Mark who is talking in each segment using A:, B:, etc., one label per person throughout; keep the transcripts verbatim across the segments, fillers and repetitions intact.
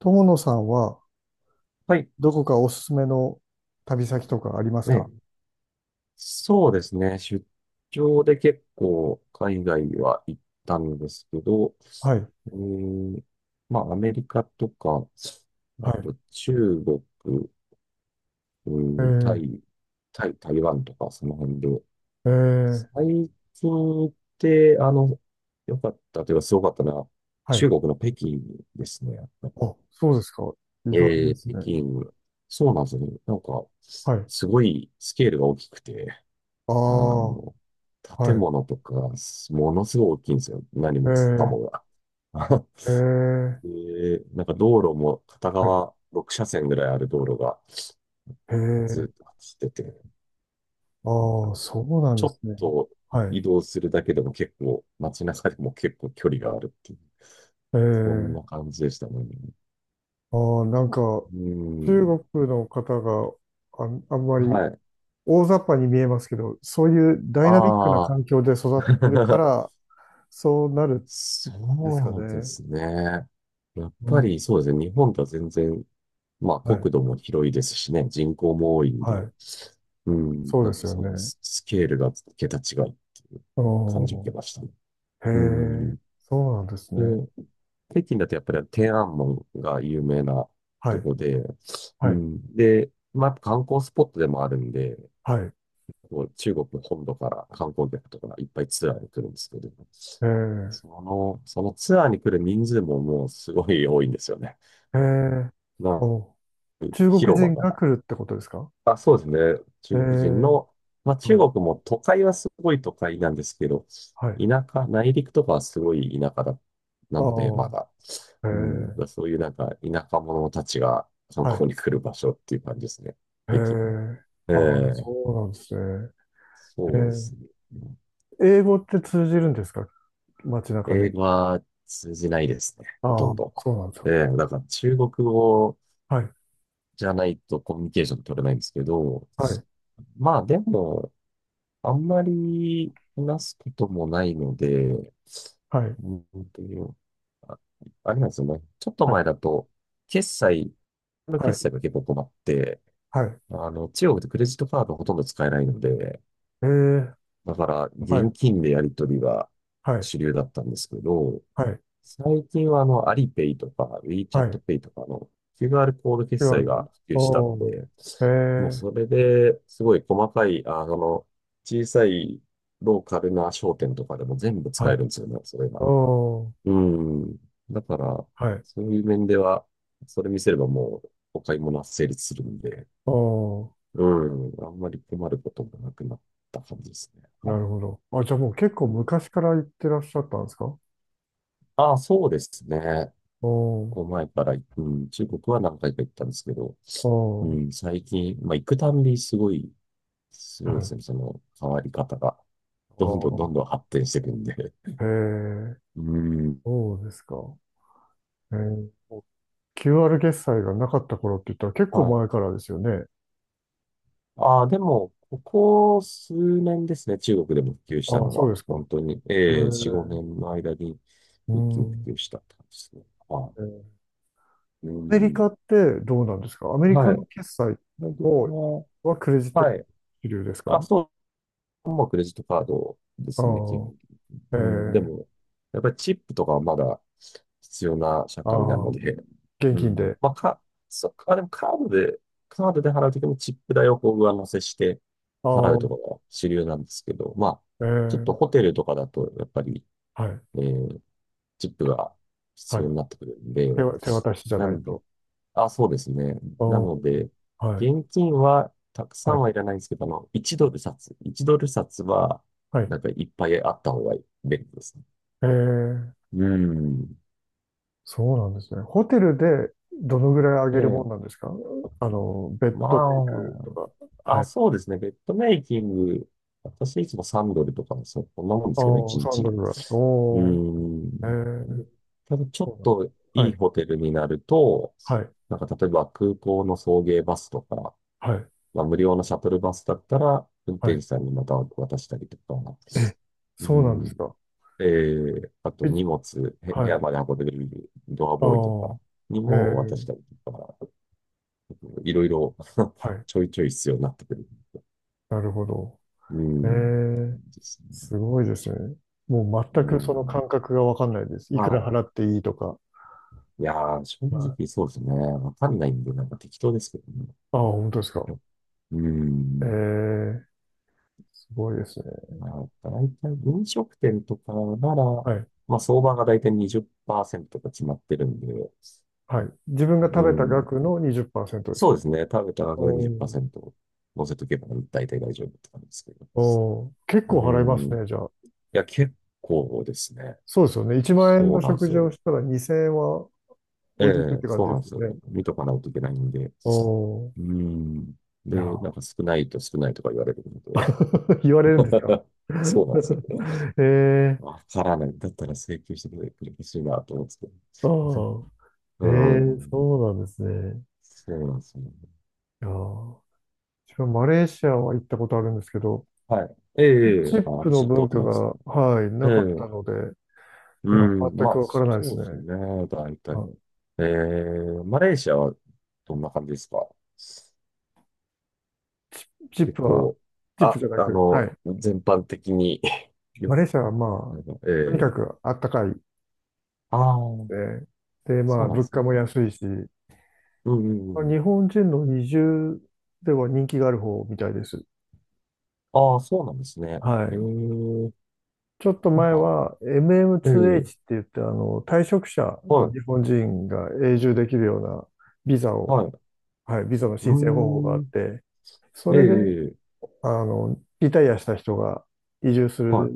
A: 友野さんは、
B: はい。
A: どこかおすすめの旅先とかありますか？
B: ね、そうですね。出張で結構海外には行ったんですけど、
A: はい、
B: うーん、まあアメリカとか、
A: は
B: あ
A: い。
B: と中国、う
A: え
B: ーん、タ
A: ー、
B: イ、タイ、台湾とかその辺で、
A: えー、
B: 最近行ってあの、良かったというかすごかったのは、
A: はい。
B: 中国の北京ですね。
A: あ、そうですか。意外で
B: えー、
A: す
B: 北
A: ね。
B: 京、そうなんですよね。なんか、
A: はい。
B: すごいスケールが大きくて、
A: あ
B: あ
A: あ、は
B: の、建
A: い。
B: 物とか、ものすごい大きいんですよ。何
A: え
B: もか
A: ー、
B: もが。
A: えー、
B: で、なんか道路も片
A: はい。
B: 側ろく車線ぐらいある道路が
A: え
B: ず
A: ー、
B: っと走ってて、
A: ああ、そうなん
B: ち
A: です
B: ょ
A: ね。
B: っと
A: はい。
B: 移動するだけでも結構、街中でも結構距離があるっていう、
A: え
B: そん
A: ー、
B: な感じでしたね。
A: ああ、なんか、
B: うん。
A: 中国の方があん、あんまり
B: はい。
A: 大雑把に見えますけど、そういうダイナミックな
B: ああ。
A: 環境で育ってるか ら、そうなるんですか
B: そうで
A: ね。
B: すね。やっ
A: う
B: ぱり
A: ん、
B: そうですね。日本とは全然、まあ、
A: はい、
B: 国土も広いですしね、人口も多いん
A: は
B: で、
A: い。
B: うん、
A: そう
B: な
A: で
B: んか
A: すよ
B: その
A: ね。
B: ススケールが桁違いっていう
A: お
B: 感じを受
A: ー、
B: けましたね。
A: へ
B: うん。
A: え、そうなんですね。
B: で、北京だとやっぱり天安門が有名な
A: は
B: と
A: い、
B: こで、う
A: はい、
B: ん。で、まあ、やっぱ観光スポットでもあるんで、
A: はい。
B: こう中国本土から観光客とかがいっぱいツアーに来るんですけど、
A: へえ、
B: その、そのツアーに来る人数ももうすごい多いんですよね。
A: へえ、
B: な
A: お、中国
B: 広場
A: 人
B: が、
A: が来るってことですか？
B: あ、そうですね。
A: へ
B: 中国人
A: え、
B: の、まあ
A: は
B: 中
A: い、
B: 国も都会はすごい都会なんですけど、
A: はい。
B: 田舎、内陸とかはすごい田舎だ、な
A: あ
B: ので、まだ。
A: あ、へ
B: うん、だから
A: え、
B: そういうなんか田舎者たちが観
A: はい、
B: 光に来る場所っていう感じですね。
A: へ
B: 駅も、
A: え、
B: え
A: ああ、そ
B: え、
A: うなんですね。
B: そうで
A: へ
B: すね。
A: え、英語って通じるんですか、街中で。
B: 英語は通じないですね。ほと
A: ああ、
B: んど。
A: そうなんです
B: え
A: よ。
B: え、だから中国語
A: はい、
B: じゃないとコミュニケーション取れないんですけど、
A: はい、
B: まあでも、あんまり話すこともないので、
A: はい、
B: うんと、あ、あれなんですよね。ちょっと
A: はい、
B: 前だと、決済、の
A: はい、
B: 決済が結構困って、
A: はい。
B: あの、中国でクレジットカードほとんど使えないので、
A: へえ、
B: だから
A: はい、
B: 現金でやり取りが
A: はい、
B: 主流だったんですけど、
A: はい、
B: 最近はあの、アリペイとか、ウィーチャ
A: は
B: ット
A: い。
B: ペイとかの キューアール コード決
A: きゅう
B: 済
A: 割。
B: が普及した
A: お
B: の
A: ー。
B: で、
A: え
B: もう
A: ー。
B: それですごい細かい、あの、小さいローカルな商店とかでも全部使
A: は
B: え
A: い。
B: るんですよね、それが。
A: おー。
B: うん。だから、
A: はい。
B: そういう面では、それ見せればもうお買い物は成立するんで、
A: おー。
B: うん。あんまり困ることもなくなった感じですね。
A: な
B: は
A: るほど。あ、じゃあもう
B: い。
A: 結構
B: うん。
A: 昔から行ってらっしゃったんですか？
B: ああ、そうですね。
A: お
B: こう
A: ー。
B: 前から、うん、中国は何回か行ったんですけど、う
A: お
B: ん、
A: ー。
B: 最近、まあ、行くたんびすごい、す
A: は
B: ごいで
A: い。
B: すね。その変わり方が、どん
A: お
B: どん
A: ー。
B: どんどん発展していくんで。
A: へー。
B: うん。
A: そうですか。えー。キューアール 決済がなかった頃って言ったら結構
B: はい。
A: 前からですよね。
B: ああ、でも、ここ数年ですね、中国でも普及した
A: ああ、
B: の
A: そう
B: は、
A: ですか。
B: 本当に、
A: え
B: ええ、よん、
A: ー。
B: ごねんの間に
A: う
B: 一気に
A: ん。
B: 普及したって感じですね。は
A: えー、
B: い。う
A: アメリ
B: ん。
A: カってどうなんですか、アメリカ
B: はい。
A: の決済
B: で、僕
A: を、
B: は、
A: はクレジットカー
B: は
A: ド
B: い、
A: 主流です
B: あ、
A: か？
B: そう、もうクレジットカードですね、基本。
A: あ
B: うん、で
A: あ。え
B: も、
A: え、
B: やっぱりチップとかはまだ必要な社
A: あ
B: 会な
A: あ、
B: ので、
A: 現
B: う
A: 金
B: ん、
A: で。
B: まあ、か、そ、あ、でも、カードで、カードで払うときもチップ代をこう上乗せして
A: あ
B: 払う
A: あ、
B: とかが主流なんですけど、まあ、ちょっと
A: え
B: ホ
A: え、
B: テルとかだと、やっぱり、
A: はい、
B: えーチップが
A: は
B: 必要
A: い。
B: になってくるんで、
A: 手わ、手渡しじゃ
B: な
A: ない
B: んで、
A: と。
B: あ、そうですね。
A: あ
B: な
A: あ、
B: ので、
A: はい、
B: 現金はたくさ
A: は
B: ん
A: い、
B: はいらないんですけど、あの、いちドル札、いちドル札は、
A: はい。
B: なんかいっぱいあった方が便利ですね。
A: ええ、
B: うん。
A: そうなんですね。ホテルでどのぐらい上
B: え
A: げるも
B: え、
A: んなんですか？あの、ベッドメイ
B: ま
A: クとか。
B: あ、
A: は
B: あ、
A: い。
B: そうですね。ベッドメイキング、私いつもンドルとかの、そこんなもんですけど、
A: ああ、
B: 1
A: さんド
B: 日。
A: ルぐらい。
B: うー
A: お
B: ん。
A: ー、ええ、
B: ただちょっ
A: そうなん、
B: と
A: は
B: いい
A: い、
B: ホテルになると、
A: はい、
B: なんか例えば空港の送迎バスとか、
A: はい、
B: まあ、無料のシャトルバスだったら、運
A: は
B: 転手
A: い。
B: さんにまた渡したりとか、
A: え、
B: う
A: そうなんで
B: ん、
A: すか。
B: えー、あと
A: え、
B: 荷物、へ部
A: は
B: 屋
A: い。
B: まで運んでくれるドアボーイとかに
A: ああ、
B: も渡
A: え
B: したり
A: え、
B: とか、いろいろ
A: はい。
B: ちょいちょい必要になってくる。
A: なるほど。
B: う
A: え
B: ん。
A: え、
B: ですね。
A: すごいですね。もう
B: う
A: 全くその
B: ん。
A: 感覚がわかんないです。いくら
B: は
A: 払っていいとか。
B: い。いやー、正
A: はい、
B: 直そうですね。わかんないんで、なんか適当ですけどね。
A: ああ、本当です
B: やっ
A: か。
B: ぱ、う
A: え
B: ん。
A: え、すごいですね。
B: まあ、大体飲食店とかなら、
A: はい。
B: まあ、相場が大体にじっパーセントトが決まってるんで、
A: はい。自分が
B: う
A: 食べた
B: ん。
A: 額のにじゅっパーセントです
B: そ
A: か？
B: うですね。食べた額の
A: おー、
B: にじっパーセント乗せとけば大体大丈夫って感じですけど。
A: おー、結
B: う
A: 構払います
B: ん。い
A: ね、じゃあ。
B: や、結構ですね。
A: そうですよね。いちまん円
B: そ
A: の
B: うなんで
A: 食
B: す
A: 事を
B: よ。
A: したらにせんえんは
B: え
A: 置いていくっ
B: え、
A: て感
B: そ
A: じ
B: う
A: で
B: なん
A: す
B: です
A: よね。
B: よ。見とかないといけないんで。
A: お
B: う
A: ー、
B: ん。
A: いや
B: で、なんか少ないと少ないとか言われるので。
A: ー、言われるんですか？
B: そうなんですよ。
A: ええ、
B: わからない。だったら請求してくれてほしいなと思うんですけど。
A: ああ、
B: う
A: ええ、
B: ん。
A: そうなんですね。
B: そうなんですよね。
A: いやー、自分、マレーシアは行ったことあるんですけど、
B: はい。ええ、え
A: チ
B: え、あ、
A: ップ
B: 私
A: の
B: 行った
A: 文
B: こと
A: 化
B: ないですね。
A: が、はい、
B: え
A: なかった
B: え、
A: ので、い
B: う
A: や、
B: ん。
A: 全
B: ま
A: く
B: あ、
A: わからないで
B: そ
A: す
B: うですよ
A: ね。
B: ね。大
A: まあ
B: 体。ええ、マレーシアはどんな感じですか？
A: チッ
B: 結
A: プは、
B: 構、
A: チップ
B: あ、
A: じゃな
B: あ
A: く、は
B: の、
A: い。
B: 全般的に よ、
A: マレーシアはまあ、
B: なんか、え
A: とにか
B: え、
A: くあったかいで
B: あ
A: す
B: あ、
A: ね。で、ま
B: そ
A: あ、
B: うなんで
A: 物
B: す
A: 価も
B: ね。
A: 安いし、
B: うんうん
A: ま
B: う
A: あ日
B: ん。
A: 本人の移住では人気がある方みたいです。
B: ああ、そうなんですね。
A: は
B: へ
A: い。
B: え、
A: ちょっと
B: なん
A: 前
B: か、
A: は
B: ええ、
A: エムエムツーエイチ って言って、あの、退職者
B: は
A: の
B: い、
A: 日本人が永住できるようなビザを、
B: はい。
A: はい、ビザの
B: う
A: 申請方法があ
B: ー
A: っ
B: ん、
A: て、そ
B: え
A: れで、
B: え、
A: あの、リタイアした人が移住す
B: は
A: る
B: い。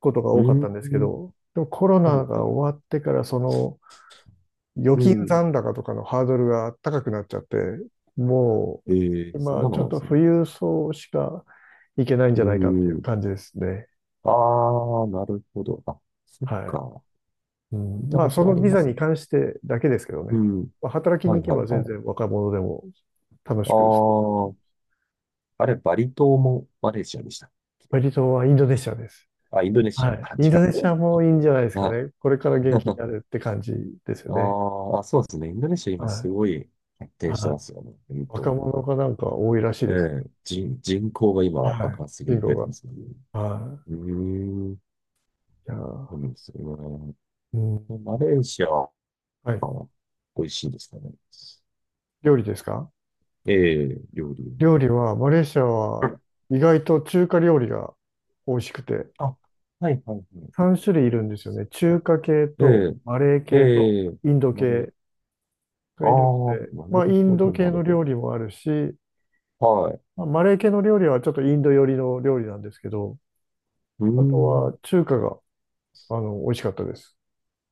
A: ことが
B: うー
A: 多かったんですけ
B: ん、
A: ど、でもコロ
B: は
A: ナ
B: い、
A: が
B: はい。
A: 終わってから、その預
B: う
A: 金
B: ん、
A: 残高とかのハードルが高くなっちゃって、も
B: ええ、
A: う
B: そん
A: 今
B: なの
A: ちょ
B: な
A: っ
B: んで
A: と
B: すね。
A: 富裕層しか行けないん
B: う
A: じ
B: ー
A: ゃないかっていう
B: ん、
A: 感じですね。
B: ああ、なるほど。あ、そっ
A: はい。
B: か。
A: う
B: 聞い
A: ん、
B: た
A: まあ、
B: こ
A: そ
B: とあ
A: の
B: り
A: ビ
B: ま
A: ザ
B: す
A: に
B: ね。
A: 関してだけですけど
B: う
A: ね。
B: ん、
A: まあ、働きに
B: はい、
A: 行け
B: はい、
A: ば
B: は
A: 全
B: い。
A: 然若者でも楽しく過ごせる
B: あ
A: と思います。
B: あ、あれ、バリ島もマレーシアでした。
A: バリ島はインドネシアです。
B: あ、インドネシ
A: は
B: ア
A: い。
B: か。
A: イン
B: じ
A: ド
B: ゃ
A: ネシアもいいんじゃないで
B: あ。
A: す か
B: は
A: ね。これから元気に
B: い。
A: な るって感じですよ
B: あ
A: ね。
B: ーあ、そうですね。インドネシア今
A: は
B: す
A: い。
B: ごい発展して
A: は
B: ま
A: い。
B: すよね。うん
A: 若
B: と。
A: 者がなんか多いらしい
B: え
A: です。
B: え、人、人口が今
A: は
B: 爆発的
A: い。人
B: に増
A: 口
B: えてますよね。
A: が。は
B: うーん。
A: い。いや
B: そ
A: ー、
B: うなんですよ
A: うん。
B: ね。マレーシアは
A: はい。
B: 美味しいんですかね。
A: 料理ですか？
B: ええ、料理。う
A: 料理は、マレーシアは
B: ん。
A: 意外と中華料理が美味しくて、
B: あ、はいはいはい。
A: さん種類いるんですよね。
B: あ、
A: 中華系
B: え
A: とマレー
B: え、
A: 系と
B: ええ、
A: インド
B: マレー、
A: 系
B: あ
A: がいるっ
B: あ、
A: て、
B: な
A: まあ、イ
B: る
A: ン
B: ほ
A: ド
B: ど、
A: 系
B: なる
A: の
B: ほ
A: 料理もあるし、
B: ど。はい。
A: まあマレー系の料理はちょっとインド寄りの料理なんですけど、
B: うー
A: あとは
B: ん。
A: 中華が、あの、美味しかったです。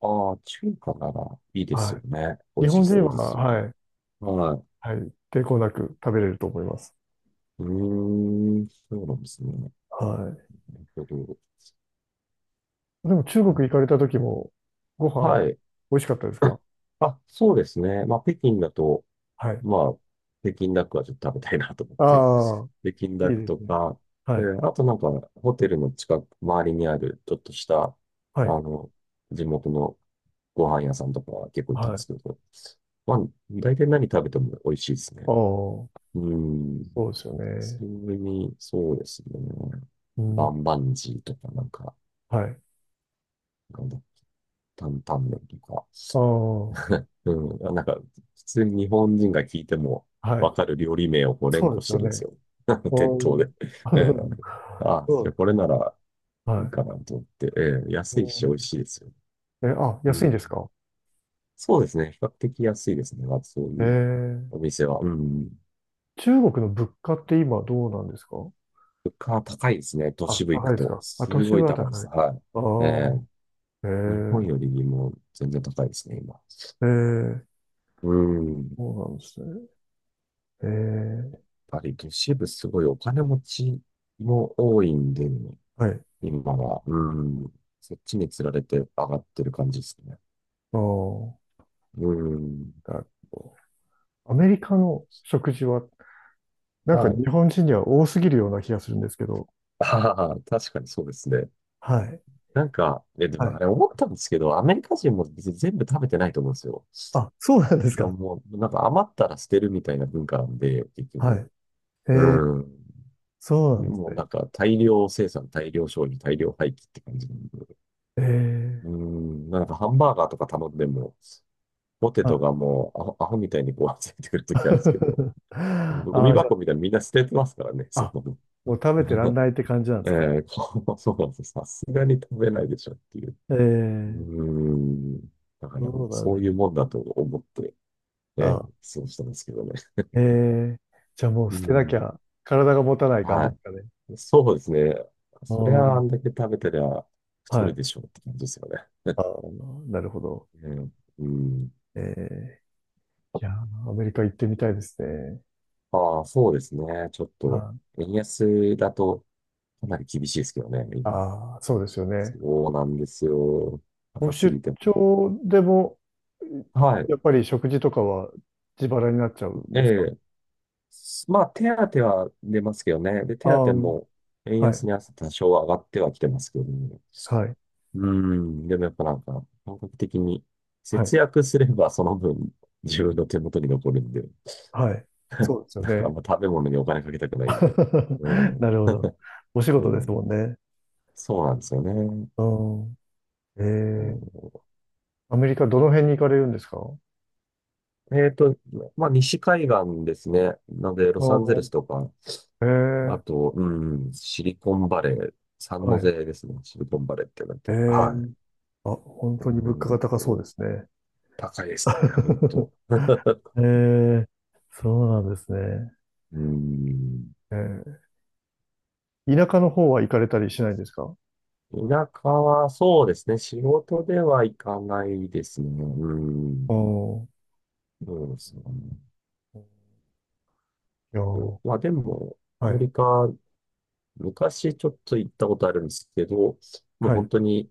B: ああ、中華ならいいです
A: は
B: よね。美
A: い。
B: 味
A: 日
B: し
A: 本人
B: そう
A: は、
B: ですよ
A: は
B: ね。
A: い、
B: はい。
A: はい、抵抗なく食べれると思います。
B: うーん、そうなんですね。
A: は
B: えっと、
A: い。でも中国行かれた時も、ご飯、
B: はい。
A: 美味しかったですか？
B: あ、そうですね。まあ、北京だと、
A: はい。
B: まあ、北京ダックはちょっと食べたいなと思って、
A: ああ、
B: 北京ダ
A: い
B: ッ
A: い
B: ク
A: で
B: と
A: すね。
B: か、え
A: はい。
B: ーあとなんか、ホテルの近く、周りにある、ちょっとした、あ
A: はい。
B: の、地元のご飯屋さんとかは結構行っ
A: は
B: たん
A: い。
B: で
A: あ
B: すけ
A: あ、
B: ど、まあ、大体何食べても美味しいですね。
A: そ
B: うーん、
A: うですよね。
B: それに、そうですね。
A: う
B: バ
A: ん。
B: ンバンジーとか、なんか、
A: はい。
B: なんだ、担々麺とか。
A: ああ、は
B: うん。あ、なんか、普通に日本人が聞いても
A: い。
B: わかる料理名をこう連
A: そう
B: 呼
A: です
B: して
A: よ
B: るんです
A: ね。
B: よ。店
A: う
B: 頭で。
A: ん。
B: ええ、 あ、
A: そ
B: そ
A: う
B: れこれ
A: です
B: な
A: ね。
B: らいい
A: は
B: かなと思って。ええ、
A: い。
B: 安い
A: う
B: し美
A: ん、
B: 味しいですよ。
A: え、あ、
B: う
A: 安いんです
B: ん。
A: か？
B: そうですね。比較的安いですね。まずそう
A: え
B: いう
A: ー、
B: お店は。うん。
A: 中国の物価って今どうなんですか？
B: 物価は高いですね。都
A: あ、
B: 市部行
A: 高
B: く
A: いです
B: と。
A: か。あ、都
B: す
A: 市
B: ご
A: 部
B: い
A: は
B: 高いで
A: 高
B: す。
A: い。
B: はい。
A: あ
B: ええ、
A: あ、
B: 日本
A: へ
B: よりも全然高いですね、今。
A: え、へえ、
B: うん。
A: そうなんですね。へえ、
B: ぱり都市部すごいお金持ちも多いんで、
A: はい。
B: 今は。うん。そっちに釣られて上がってる感じですね。
A: ああ、
B: うん。
A: なるほど、アメリカの食事は、なんか
B: はい。
A: 日本人には多すぎるような気がするんですけど。
B: ああ、確かにそうですね。
A: はい、
B: なんか、え、で
A: は
B: もあ
A: い。
B: れ思ったんですけど、アメリカ人も別に全部食べてないと思うんですよ。
A: あ、そうなんです
B: あ
A: か。
B: もう、なんか余ったら捨てるみたいな文化なんで、結
A: はい。
B: 局。
A: へ
B: う
A: え、
B: ん。
A: そうなんです
B: もうな
A: ね。
B: んか大量生産、大量消費、大量廃棄って感じなんで。
A: へえ、
B: うん。なんかハンバーガーとか頼んでも、ポテト
A: あ、
B: がもうアホ、アホみたいにこう、ついてくるときあるんですけど、
A: あ
B: ゴミ
A: あ、じゃ
B: 箱みたいにみんな捨ててますからね、
A: あ、
B: そ
A: あ、
B: の、
A: もう食べてらん ないって感じなんで
B: え
A: すかね。
B: ーこう、そうなんです。さすがに食べないでしょっていう。
A: え
B: う
A: え、
B: ーん。だから
A: そ
B: なん
A: う
B: か
A: なん
B: そ
A: で
B: ういう
A: す。
B: もんだと思って、えー、
A: あ、
B: そうしたんですけどね。
A: えー、じゃあもう
B: う
A: 捨てなき
B: ん。
A: ゃ体が持たない感じで
B: は
A: すかね。
B: い。そうですね。
A: あ
B: そり
A: ー、
B: ゃあんだけ食べてりゃ太
A: は
B: る
A: い。
B: でしょうって感じですよね。
A: あー、なるほど。
B: うん。うん。
A: えー、いやー、アメリカ行ってみたいですね。
B: ああ、そうですね。ちょっと、
A: あ
B: 円安だとかなり厳しいですけどね、今。
A: あー、そうですよね。
B: そうなんですよ。
A: もう
B: 高す
A: 出
B: ぎても。
A: 張でも、
B: はい。
A: やっぱり食事とかは自腹になっちゃうん
B: え
A: ですか？
B: え。まあ、手当は出ますけどね。で、
A: あ
B: 手
A: あ
B: 当
A: ー、
B: も円
A: はい、
B: 安に合わせて多少上がってはきてますけどね。
A: はい、
B: うん。でもやっぱなんか、感覚的に
A: はい、
B: 節約すればその分自分の手元に残るんで、
A: はい。そうですよ
B: なんかあん
A: ね。
B: ま食べ物にお金かけたくないんで。う
A: な
B: ん。
A: るほど。お仕
B: そ
A: 事で
B: う
A: す
B: ん、
A: もんね。
B: そうなんですよね。
A: うん。えー、
B: う
A: アメリカどの辺に行かれるんですか？あ
B: ん、えっと、まあ、西海岸ですね。なので、ロ
A: あ
B: サンゼル
A: ー、
B: スとか、
A: ええ、
B: あと、うん、シリコンバレー、三
A: は
B: ノ
A: い。
B: 瀬ですね。シリコンバレーってなって
A: え
B: る。
A: え、
B: はい。
A: あ、本
B: う
A: 当に物価が
B: ん、
A: 高そうですね。
B: 高いですね、本 当。
A: ええ、そうなんですね。
B: うん。
A: ええ、田舎の方は行かれたりしないんですか？
B: 田舎はそうですね。仕事では行かないですね。うん。
A: おー、
B: そうですね。
A: いやー、
B: まあでも、ア
A: は
B: メ
A: い、
B: リカ、昔ちょっと行ったことあるんですけど、もう
A: はい、
B: 本当に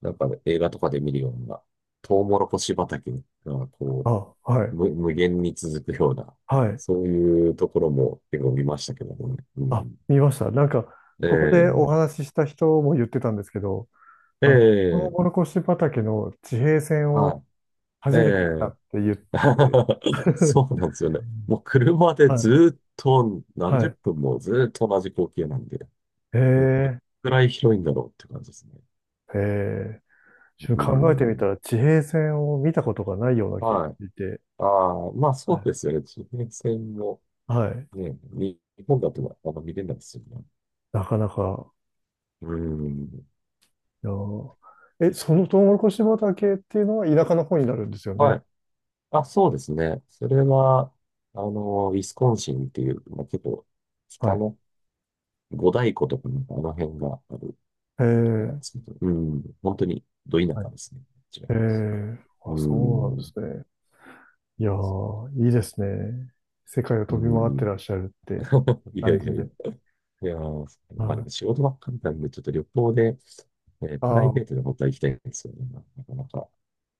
B: なんか映画とかで見るような、トウモロコシ畑がこ
A: あ、はい、
B: 無、無限に続くような、
A: はい、
B: そういうところも結構見ましたけどもね。う
A: あ、
B: ん。
A: 見ました。なんか、ここでお
B: え
A: 話しした人も言ってたんですけど、
B: え、え
A: あの、トウ
B: え、
A: モロコシ畑の地平線を
B: はい。え
A: 初めて見た
B: え、
A: って言って、
B: そうなんですよね。もう車で
A: はい、
B: ずっと 何
A: は
B: 十
A: い、
B: 分もずっと同じ光景なんで、
A: え
B: もうこれ
A: え、
B: くらい広いんだろうって感じですね。
A: ええ、ちょっ
B: う
A: と考えてみた
B: ん。
A: ら地平線を見たことがないような気がし
B: はい。
A: ていて、
B: ああ、まあ
A: は
B: そう
A: い。
B: ですよね。地平線も
A: はい。
B: ね、に日本だとはあんま見れないですよね。
A: なかなか、
B: うん。
A: いやー、え、そのトウモロコシ畑っていうのは田舎の方になるんですよね。
B: はい。あ、そうですね。それは、あの、ウィスコンシンっていう、まあ、結構、
A: は
B: 北
A: い。
B: の五大湖とかのあの辺がある
A: え
B: ところなん
A: ー、
B: ですけど、うん、本当にど田
A: は
B: 舎
A: い。
B: ですね、こちら。
A: えー、あ、
B: う
A: そうなんで
B: ん、
A: すね。いやー、いいですね。世界を
B: う
A: 飛び回って
B: ん。
A: らっしゃるって
B: いや
A: 感
B: い
A: じ
B: やいや、
A: で。
B: いやー、
A: は
B: まあ、でも
A: い。
B: 仕事ばっかりなんで、ちょっと旅行で、えープライ
A: あ
B: ベート
A: あ、
B: で本当は行きたいんですよね、なかなか。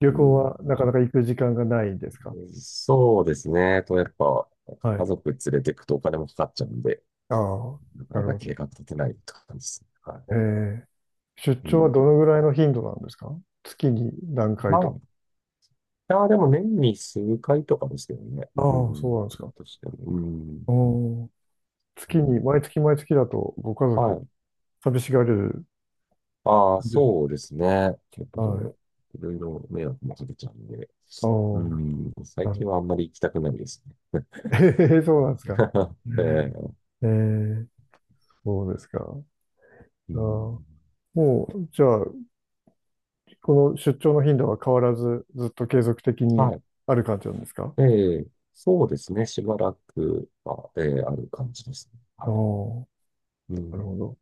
A: 旅
B: う
A: 行
B: ん、
A: はなかなか行く時間がないんですか？
B: そうですね。と、やっぱ、
A: は
B: 家
A: い。
B: 族連れてくとお金もかかっちゃうんで、
A: ああ、
B: なか
A: な
B: な
A: る
B: か
A: ほ
B: 計
A: ど。
B: 画立てないって感じですね。は
A: え
B: い。
A: え、出
B: う
A: 張はどの
B: ん。
A: ぐらいの頻度なんですか？月に何
B: ま
A: 回
B: あ、
A: とか。
B: いや、でも年に数回とかですけどね。う
A: ああ、そう
B: ん。
A: なんですか。
B: としても。うん。
A: うん。
B: う
A: 月に、
B: ん、
A: 毎月毎月だとご家
B: は
A: 族、
B: い。
A: 寂しがれる
B: ああ、
A: んです。
B: そうですね。結
A: はい。
B: 構、いろいろ迷惑もかけちゃうんで。
A: ああ、
B: う
A: な
B: ん。最
A: るほ
B: 近
A: ど。
B: はあんまり行きたくないですね。
A: ええ、そうなんです
B: う
A: か。
B: ん。 ええ。
A: ええ、そうですか。
B: う
A: ああ、も
B: ん。
A: う、じゃあ、この出張の頻度は変わらず、ずっと継続的に
B: はい。
A: ある感じなんですか？
B: ええ、そうですね。しばらくは、ええある感じですね。
A: ああ、
B: はい。う
A: なるほ
B: ん。
A: ど。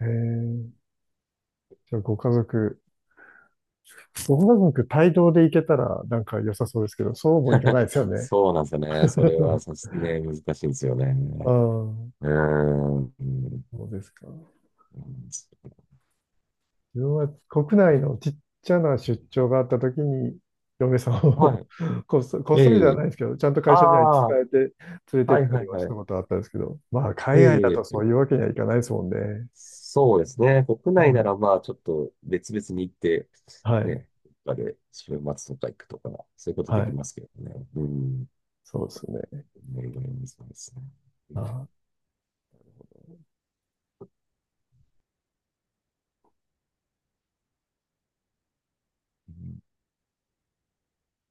A: ええ、じゃあ、ご家族、うまく帯同で行けたらなんか良さそうですけど、そうもいかないですよね。
B: そうなんですよね。それは さすね、難しいんですよね。
A: ああ、
B: うーん。う
A: そうですか。
B: ん。
A: 自分は国内のちっちゃな出張があったときに、嫁さん
B: は
A: を
B: い。
A: こっそ、こっそりで
B: え
A: はな
B: え。
A: いですけど、ちゃんと
B: あ
A: 会社には伝
B: あ、は
A: えて連れ
B: い
A: てっ
B: はい
A: たりはし
B: は
A: た
B: い。
A: ことあったんですけど、まあ、海外だと
B: え
A: そういう
B: え。
A: わけにはいかないですもんね。
B: そうですね。国
A: う
B: 内な
A: ん、
B: らまあちょっと別々に行って、
A: はい、
B: ね、どっかで週末とか行くとか、そういうこと
A: は
B: でき
A: い、
B: ますけどね。うん。
A: そうですね。
B: ね、羨ましいですね。う
A: あ
B: ん。
A: あ
B: うん。